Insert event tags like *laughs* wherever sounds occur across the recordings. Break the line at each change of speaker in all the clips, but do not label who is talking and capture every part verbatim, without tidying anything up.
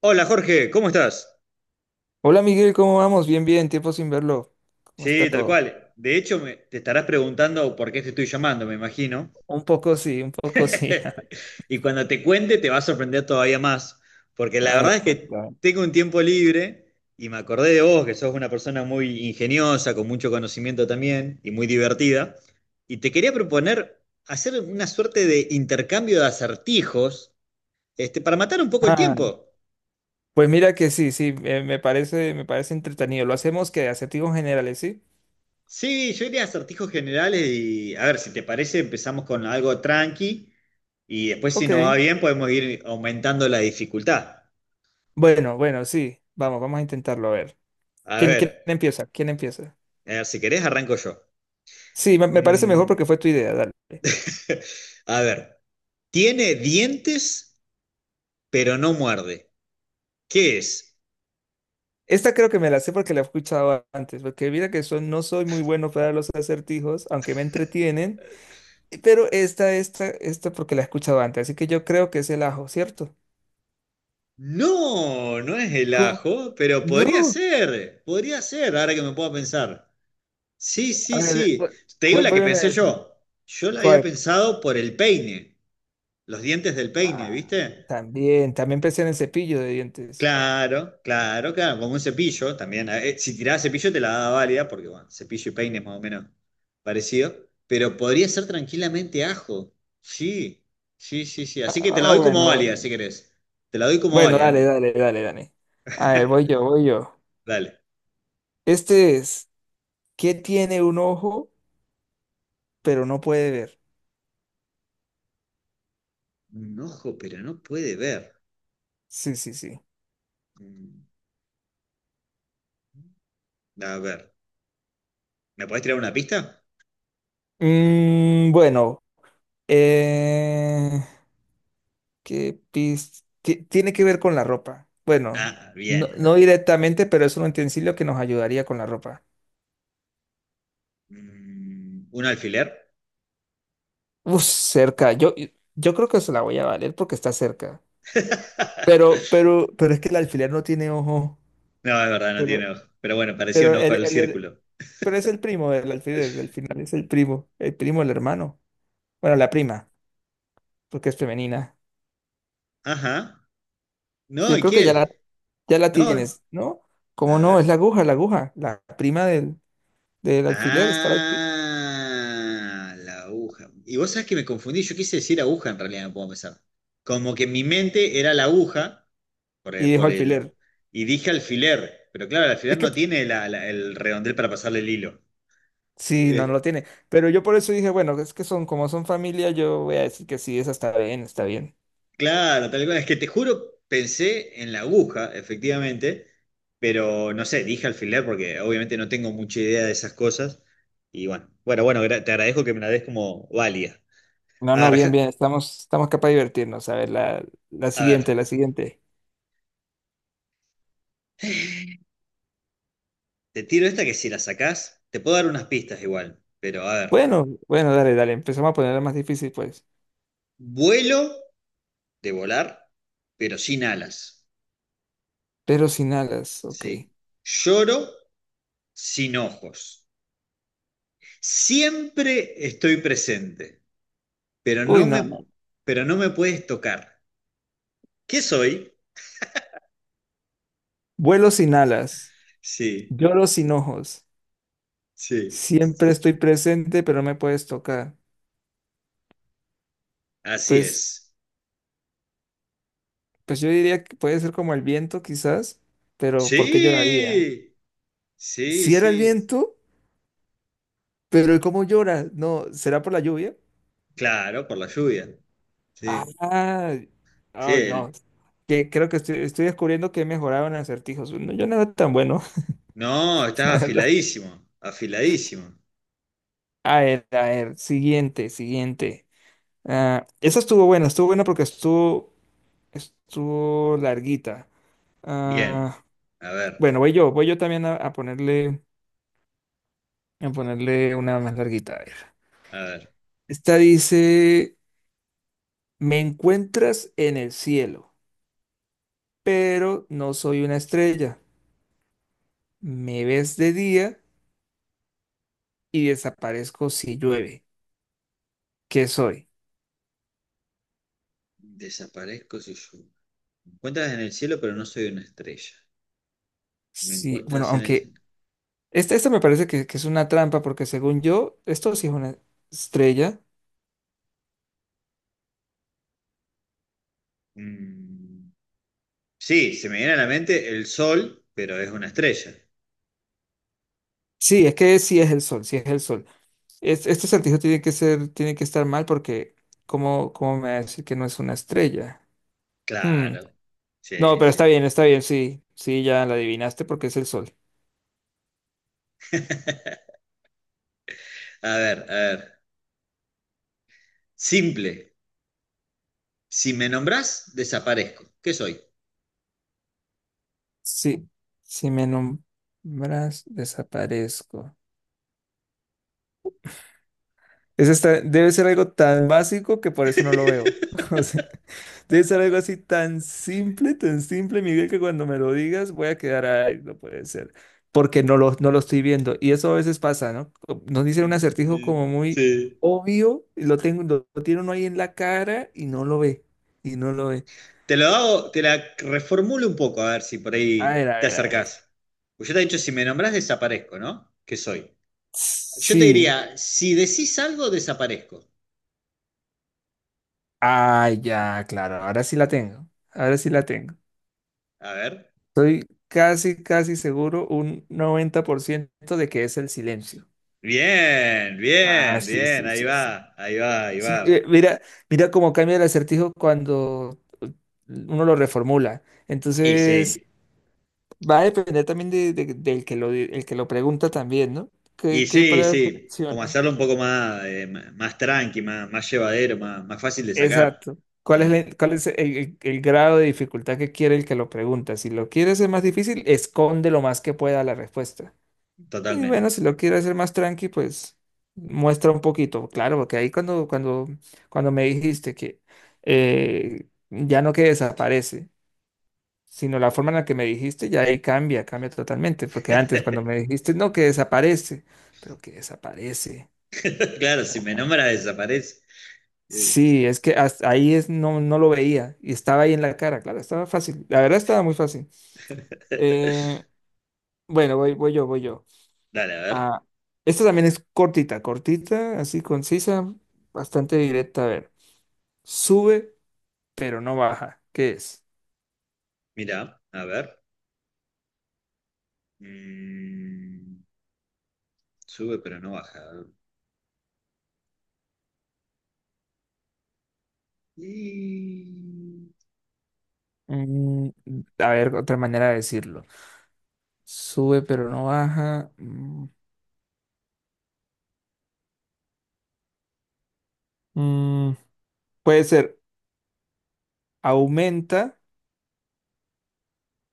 Hola Jorge, ¿cómo estás?
Hola Miguel, ¿cómo vamos? Bien, bien, tiempo sin verlo. ¿Cómo
Sí,
está
tal
todo?
cual. De hecho, me- te estarás preguntando por qué te estoy llamando, me imagino.
Un poco sí, un poco sí.
*laughs*
*laughs*
Y cuando te cuente te va a sorprender todavía más, porque la
A ver,
verdad es que
cuéntame.
tengo un tiempo libre y me acordé de vos, que sos una persona muy ingeniosa, con mucho conocimiento también y muy divertida, y te quería proponer hacer una suerte de intercambio de acertijos, este, para matar un poco el
Ah,
tiempo.
pues mira que sí, sí, eh, me parece, me parece entretenido. Lo hacemos que acertijos generales, ¿sí?
Sí, yo iría a acertijos generales y a ver, si te parece, empezamos con algo tranqui y después si no va
Ok.
bien podemos ir aumentando la dificultad.
Bueno, bueno, sí. Vamos, vamos a intentarlo, a ver.
A
¿Quién, quién
ver,
empieza? ¿Quién empieza?
a ver, si querés arranco yo.
Sí, me, me parece mejor porque
Mm,
fue tu idea, dale.
*laughs* a ver, tiene dientes pero no muerde. ¿Qué es?
Esta creo que me la sé porque la he escuchado antes, porque mira que son, no soy muy bueno para los acertijos, aunque me entretienen. Pero esta, esta, esta porque la he escuchado antes, así que yo creo que es el ajo, ¿cierto?
No, no es el
¿Cómo?
ajo, pero podría
No.
ser, podría ser, ahora que me puedo pensar. Sí,
A
sí,
ver, vu-
sí. Te digo
vu-
la que
vuélveme a
pensé
decir.
yo. Yo la había
¿Cuál?
pensado por el peine. Los dientes del peine,
Ah,
¿viste?
también, también pensé en el cepillo de dientes.
Claro, claro, claro, como un cepillo también. Eh, eh, Si tiraba cepillo te la daba válida, porque bueno, cepillo y peine es más o menos parecido, pero podría ser tranquilamente ajo. Sí, sí, sí, sí. Así que te la
Ah,
doy como
bueno.
válida, si querés. Te la doy como
Bueno,
válida,
dale,
¿no?
dale, dale, dale. A ver,
*laughs*
voy yo, voy yo.
Dale.
Este es, ¿qué tiene un ojo pero no puede ver?
Un ojo, pero no puede ver.
Sí, sí, sí.
Mm, A ver, ¿me podés tirar una pista?
Mm, bueno, eh, ¿Qué pis- ti- Tiene que ver con la ropa. Bueno,
Ah,
no,
bien.
no directamente, pero es un utensilio que nos ayudaría con la ropa.
Mm, ¿Un alfiler?
Uf, cerca. Yo, yo creo que se la voy a valer porque está cerca.
*laughs*
Pero, pero, pero es que el alfiler no tiene ojo.
No, es verdad, no
Pero,
tiene ojo. Pero bueno, parecía
pero,
un ojo
el-
al
el- el-
círculo.
pero es el primo del alfiler. Al final es el primo. El primo, el hermano. Bueno, la prima, porque es femenina.
Ajá. No,
Yo
¿y
creo que
qué
ya la,
es?
ya la
No.
tienes, ¿no?
A
¿Cómo no? Es
ver.
la aguja, la aguja. La prima del, del alfiler. Está la- alfi-
Ah, la aguja. Y vos sabés que me confundí, yo quise decir aguja en realidad, no puedo pensar. Como que en mi mente era la aguja, por el,
y dijo
por el-
alfiler.
y dije alfiler, pero claro, el alfiler
Es que
no tiene la- la- el redondel para pasarle el hilo.
sí, no, no lo tiene. Pero yo por eso dije, bueno, es que son como son familia, yo voy a decir que sí, esa está bien, está bien.
Claro, tal cual. Es que te juro, pensé en la aguja, efectivamente, pero no sé, dije alfiler porque obviamente no tengo mucha idea de esas cosas. Y bueno, bueno, bueno, gra- te agradezco que me la des como válida.
No,
A
no, bien,
ver,
bien, estamos, estamos capaz de divertirnos. A ver, la, la
*laughs* a ver,
siguiente, la siguiente.
te tiro esta que si la sacás, te puedo dar unas pistas igual, pero a ver.
Bueno, bueno, dale, dale, empezamos a ponerla más difícil, pues.
Vuelo de volar, pero sin alas.
Pero sin alas, ok.
Sí. Lloro sin ojos. Siempre estoy presente. pero
Uy,
no
no,
me,
no.
pero no me puedes tocar. ¿Qué soy?
Vuelo sin alas,
Sí,
lloro sin ojos,
sí,
siempre estoy presente, pero no me puedes tocar.
así
Pues,
es.
pues yo diría que puede ser como el viento, quizás, pero ¿por qué lloraría?
Sí, sí,
Si era el
sí.
viento. Pero ¿y cómo llora? No, ¿será por la lluvia?
Claro, por la lluvia. Sí,
Ah,
sí.
ay, no.
el-
Que creo que estoy, estoy descubriendo que he mejorado en acertijos. No, yo no era tan bueno,
No,
*laughs* la
estás
verdad.
afiladísimo, afiladísimo.
A ver, a ver, siguiente, siguiente. Ah, esa estuvo buena, estuvo buena porque estuvo, estuvo larguita.
Bien.
Ah,
A ver,
bueno, voy yo, voy yo también a, a ponerle, a ponerle una más larguita. A ver.
a ver.
Esta dice, me encuentras en el cielo, pero no soy una estrella. Me ves de día y desaparezco si llueve. ¿Qué soy?
Desaparezco si yo. Me encuentras en el cielo, pero no soy una estrella. Me
Sí, bueno,
encuentras en el
aunque
cielo.
esta, esta me parece que, que es una trampa porque según yo, esto sí es una estrella.
Mm, Sí, se me viene a la mente el sol, pero es una estrella.
Sí, es que sí es el sol, sí es el sol. Es- este acertijo tiene que ser, tiene que estar mal porque ¿cómo, cómo me va a decir que no es una estrella? Hmm,
Claro.
no,
Sí,
pero está
sí.
bien, está bien, sí, sí, ya la adivinaste porque es el sol.
A ver, a ver. Simple. Si me nombrás, desaparezco. ¿Qué soy?
Sí, si me nombras, desaparezco. Eso está- debe ser algo tan básico que por eso no lo veo. *laughs* O sea,
*laughs*
debe ser algo así tan simple, tan simple, Miguel, que cuando me lo digas voy a quedar, ay, no puede ser, porque no lo, no lo estoy viendo. Y eso a veces pasa, ¿no? Co- Nos dicen un acertijo como
Sí.
muy
Sí.
obvio, y lo tengo, lo, lo tiene uno ahí en la cara y no lo ve, y no lo ve.
Te lo hago, te la reformulo un poco, a ver si por
A
ahí
ver, a
te
ver, a ver.
acercás. Pues yo te he dicho, si me nombrás, desaparezco, ¿no? ¿Qué soy? Yo te
Sí.
diría, si decís algo, desaparezco.
Ah, ya, claro, ahora sí la tengo. Ahora sí la tengo.
A ver.
Estoy casi, casi seguro, un noventa por ciento de que es el silencio.
Bien,
Ah,
bien,
sí,
bien,
sí,
ahí
sí, sí.
va, ahí va, ahí
Sí, eh,
va.
mira, mira cómo cambia el acertijo cuando eh, uno lo reformula.
Y sí.
Entonces, va a depender también de- de- del que lo, el que lo pregunta también, ¿no?
Y
¿Qué, qué
sí,
palabra
sí, como
selecciona?
hacerlo un poco más, eh, ma- más tranqui, más, más llevadero, más, más fácil de sacar.
Exacto. ¿Cuál es,
Eh,
la- ¿cuál es el, el- el grado de dificultad que quiere el que lo pregunta? Si lo quiere hacer más difícil, esconde lo más que pueda la respuesta. Y bueno,
totalmente.
si lo quiero hacer más tranqui, pues muestra un poquito, claro, porque ahí cuando, cuando, cuando me dijiste que eh, ya no que desaparece, sino la forma en la que me dijiste, ya ahí cambia, cambia totalmente, porque antes cuando me
*laughs*
dijiste no que desaparece, pero que desaparece.
Claro, si me
Ajá.
nombras desaparece. *laughs* Eh,
Sí, es que hasta ahí es, no, no lo veía y estaba ahí en la cara, claro, estaba fácil, la verdad estaba muy fácil. Eh, bueno, voy, voy yo, voy yo.
dale, a ver.
Ah, esta también es cortita, cortita, así concisa, bastante directa. A ver, sube, pero no baja. ¿Qué es?
Mira, a ver. Mm, sube pero no baja. Y...
Mm, a ver, otra manera de decirlo. Sube, pero no baja. Mm, mm, puede ser aumenta,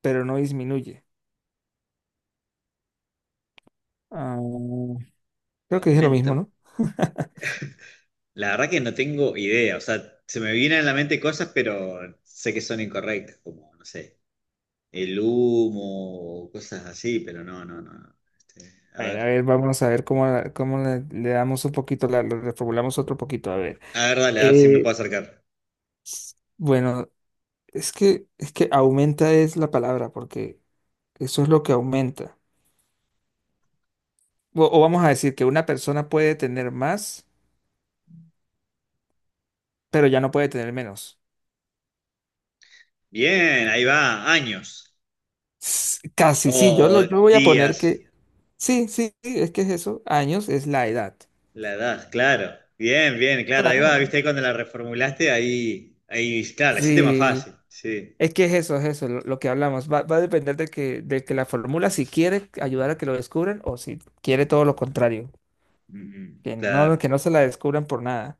pero no disminuye. Ah, creo que dije lo mismo,
Aumento.
¿no? *laughs*
La verdad que no tengo idea. O sea, se me vienen a la mente cosas, pero sé que son incorrectas, como, no sé, el humo, o cosas así, pero no, no, no. No. Este, a
A ver, a
ver.
ver, vamos a ver cómo, la- cómo le, le damos un poquito, la, lo reformulamos otro poquito. A ver,
A ver, dale, a ver si me puedo
eh,
acercar.
s- bueno. Es que, es que aumenta es la palabra, porque eso es lo que aumenta. O, o vamos a decir que una persona puede tener más, pero ya no puede tener menos.
Bien, ahí va, años.
S- Casi, sí, yo, lo,
O
yo voy a poner
días,
que... Sí, sí, sí, es que es eso. Años es la edad.
la edad, claro. Bien, bien, claro, ahí va, viste, ahí
Claro.
cuando la reformulaste, ahí, ahí, claro, la hiciste más
Sí,
fácil, sí.
es que es eso, es eso, lo, lo que hablamos. Va, va a depender de que, de que la fórmula, si quiere ayudar a que lo descubran o si quiere todo lo contrario,
Mm, mm,
que
Claro,
no, que no se la descubran por nada.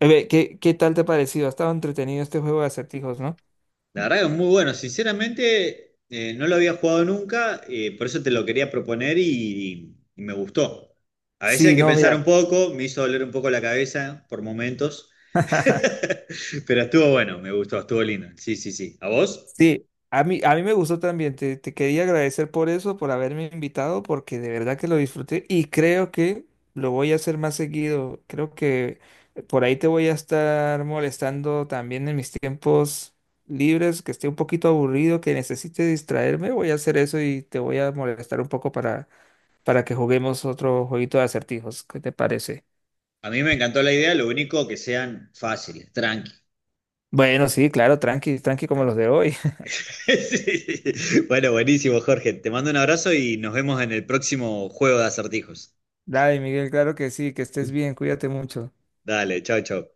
A ver, ¿qué, qué tal te ha parecido? Ha estado entretenido este juego de acertijos, ¿no?
la verdad que es muy bueno, sinceramente, eh, no lo había jugado nunca, eh, por eso te lo quería proponer y, y me gustó. A veces hay
Sí,
que
no,
pensar
mira.
un poco, me hizo doler un poco la cabeza por momentos,
*laughs*
*laughs* pero estuvo bueno, me gustó, estuvo lindo. Sí, sí, sí. ¿A vos?
Sí, a mí, a mí me gustó también. Te, te quería agradecer por eso, por haberme invitado, porque de verdad que lo disfruté y creo que lo voy a hacer más seguido. Creo que por ahí te voy a estar molestando también en mis tiempos libres, que esté un poquito aburrido, que necesite distraerme. Voy a hacer eso y te voy a molestar un poco para, para que juguemos otro jueguito de acertijos. ¿Qué te parece?
A mí me encantó la idea, lo único que sean fáciles, tranqui.
Bueno, sí, claro, tranqui, tranqui como los de
*laughs*
hoy. *laughs*
Sí, sí. Bueno, buenísimo, Jorge. Te mando un abrazo y nos vemos en el próximo juego de acertijos.
Dale, Miguel, claro que sí, que estés bien, cuídate mucho.
Dale, chao, chao.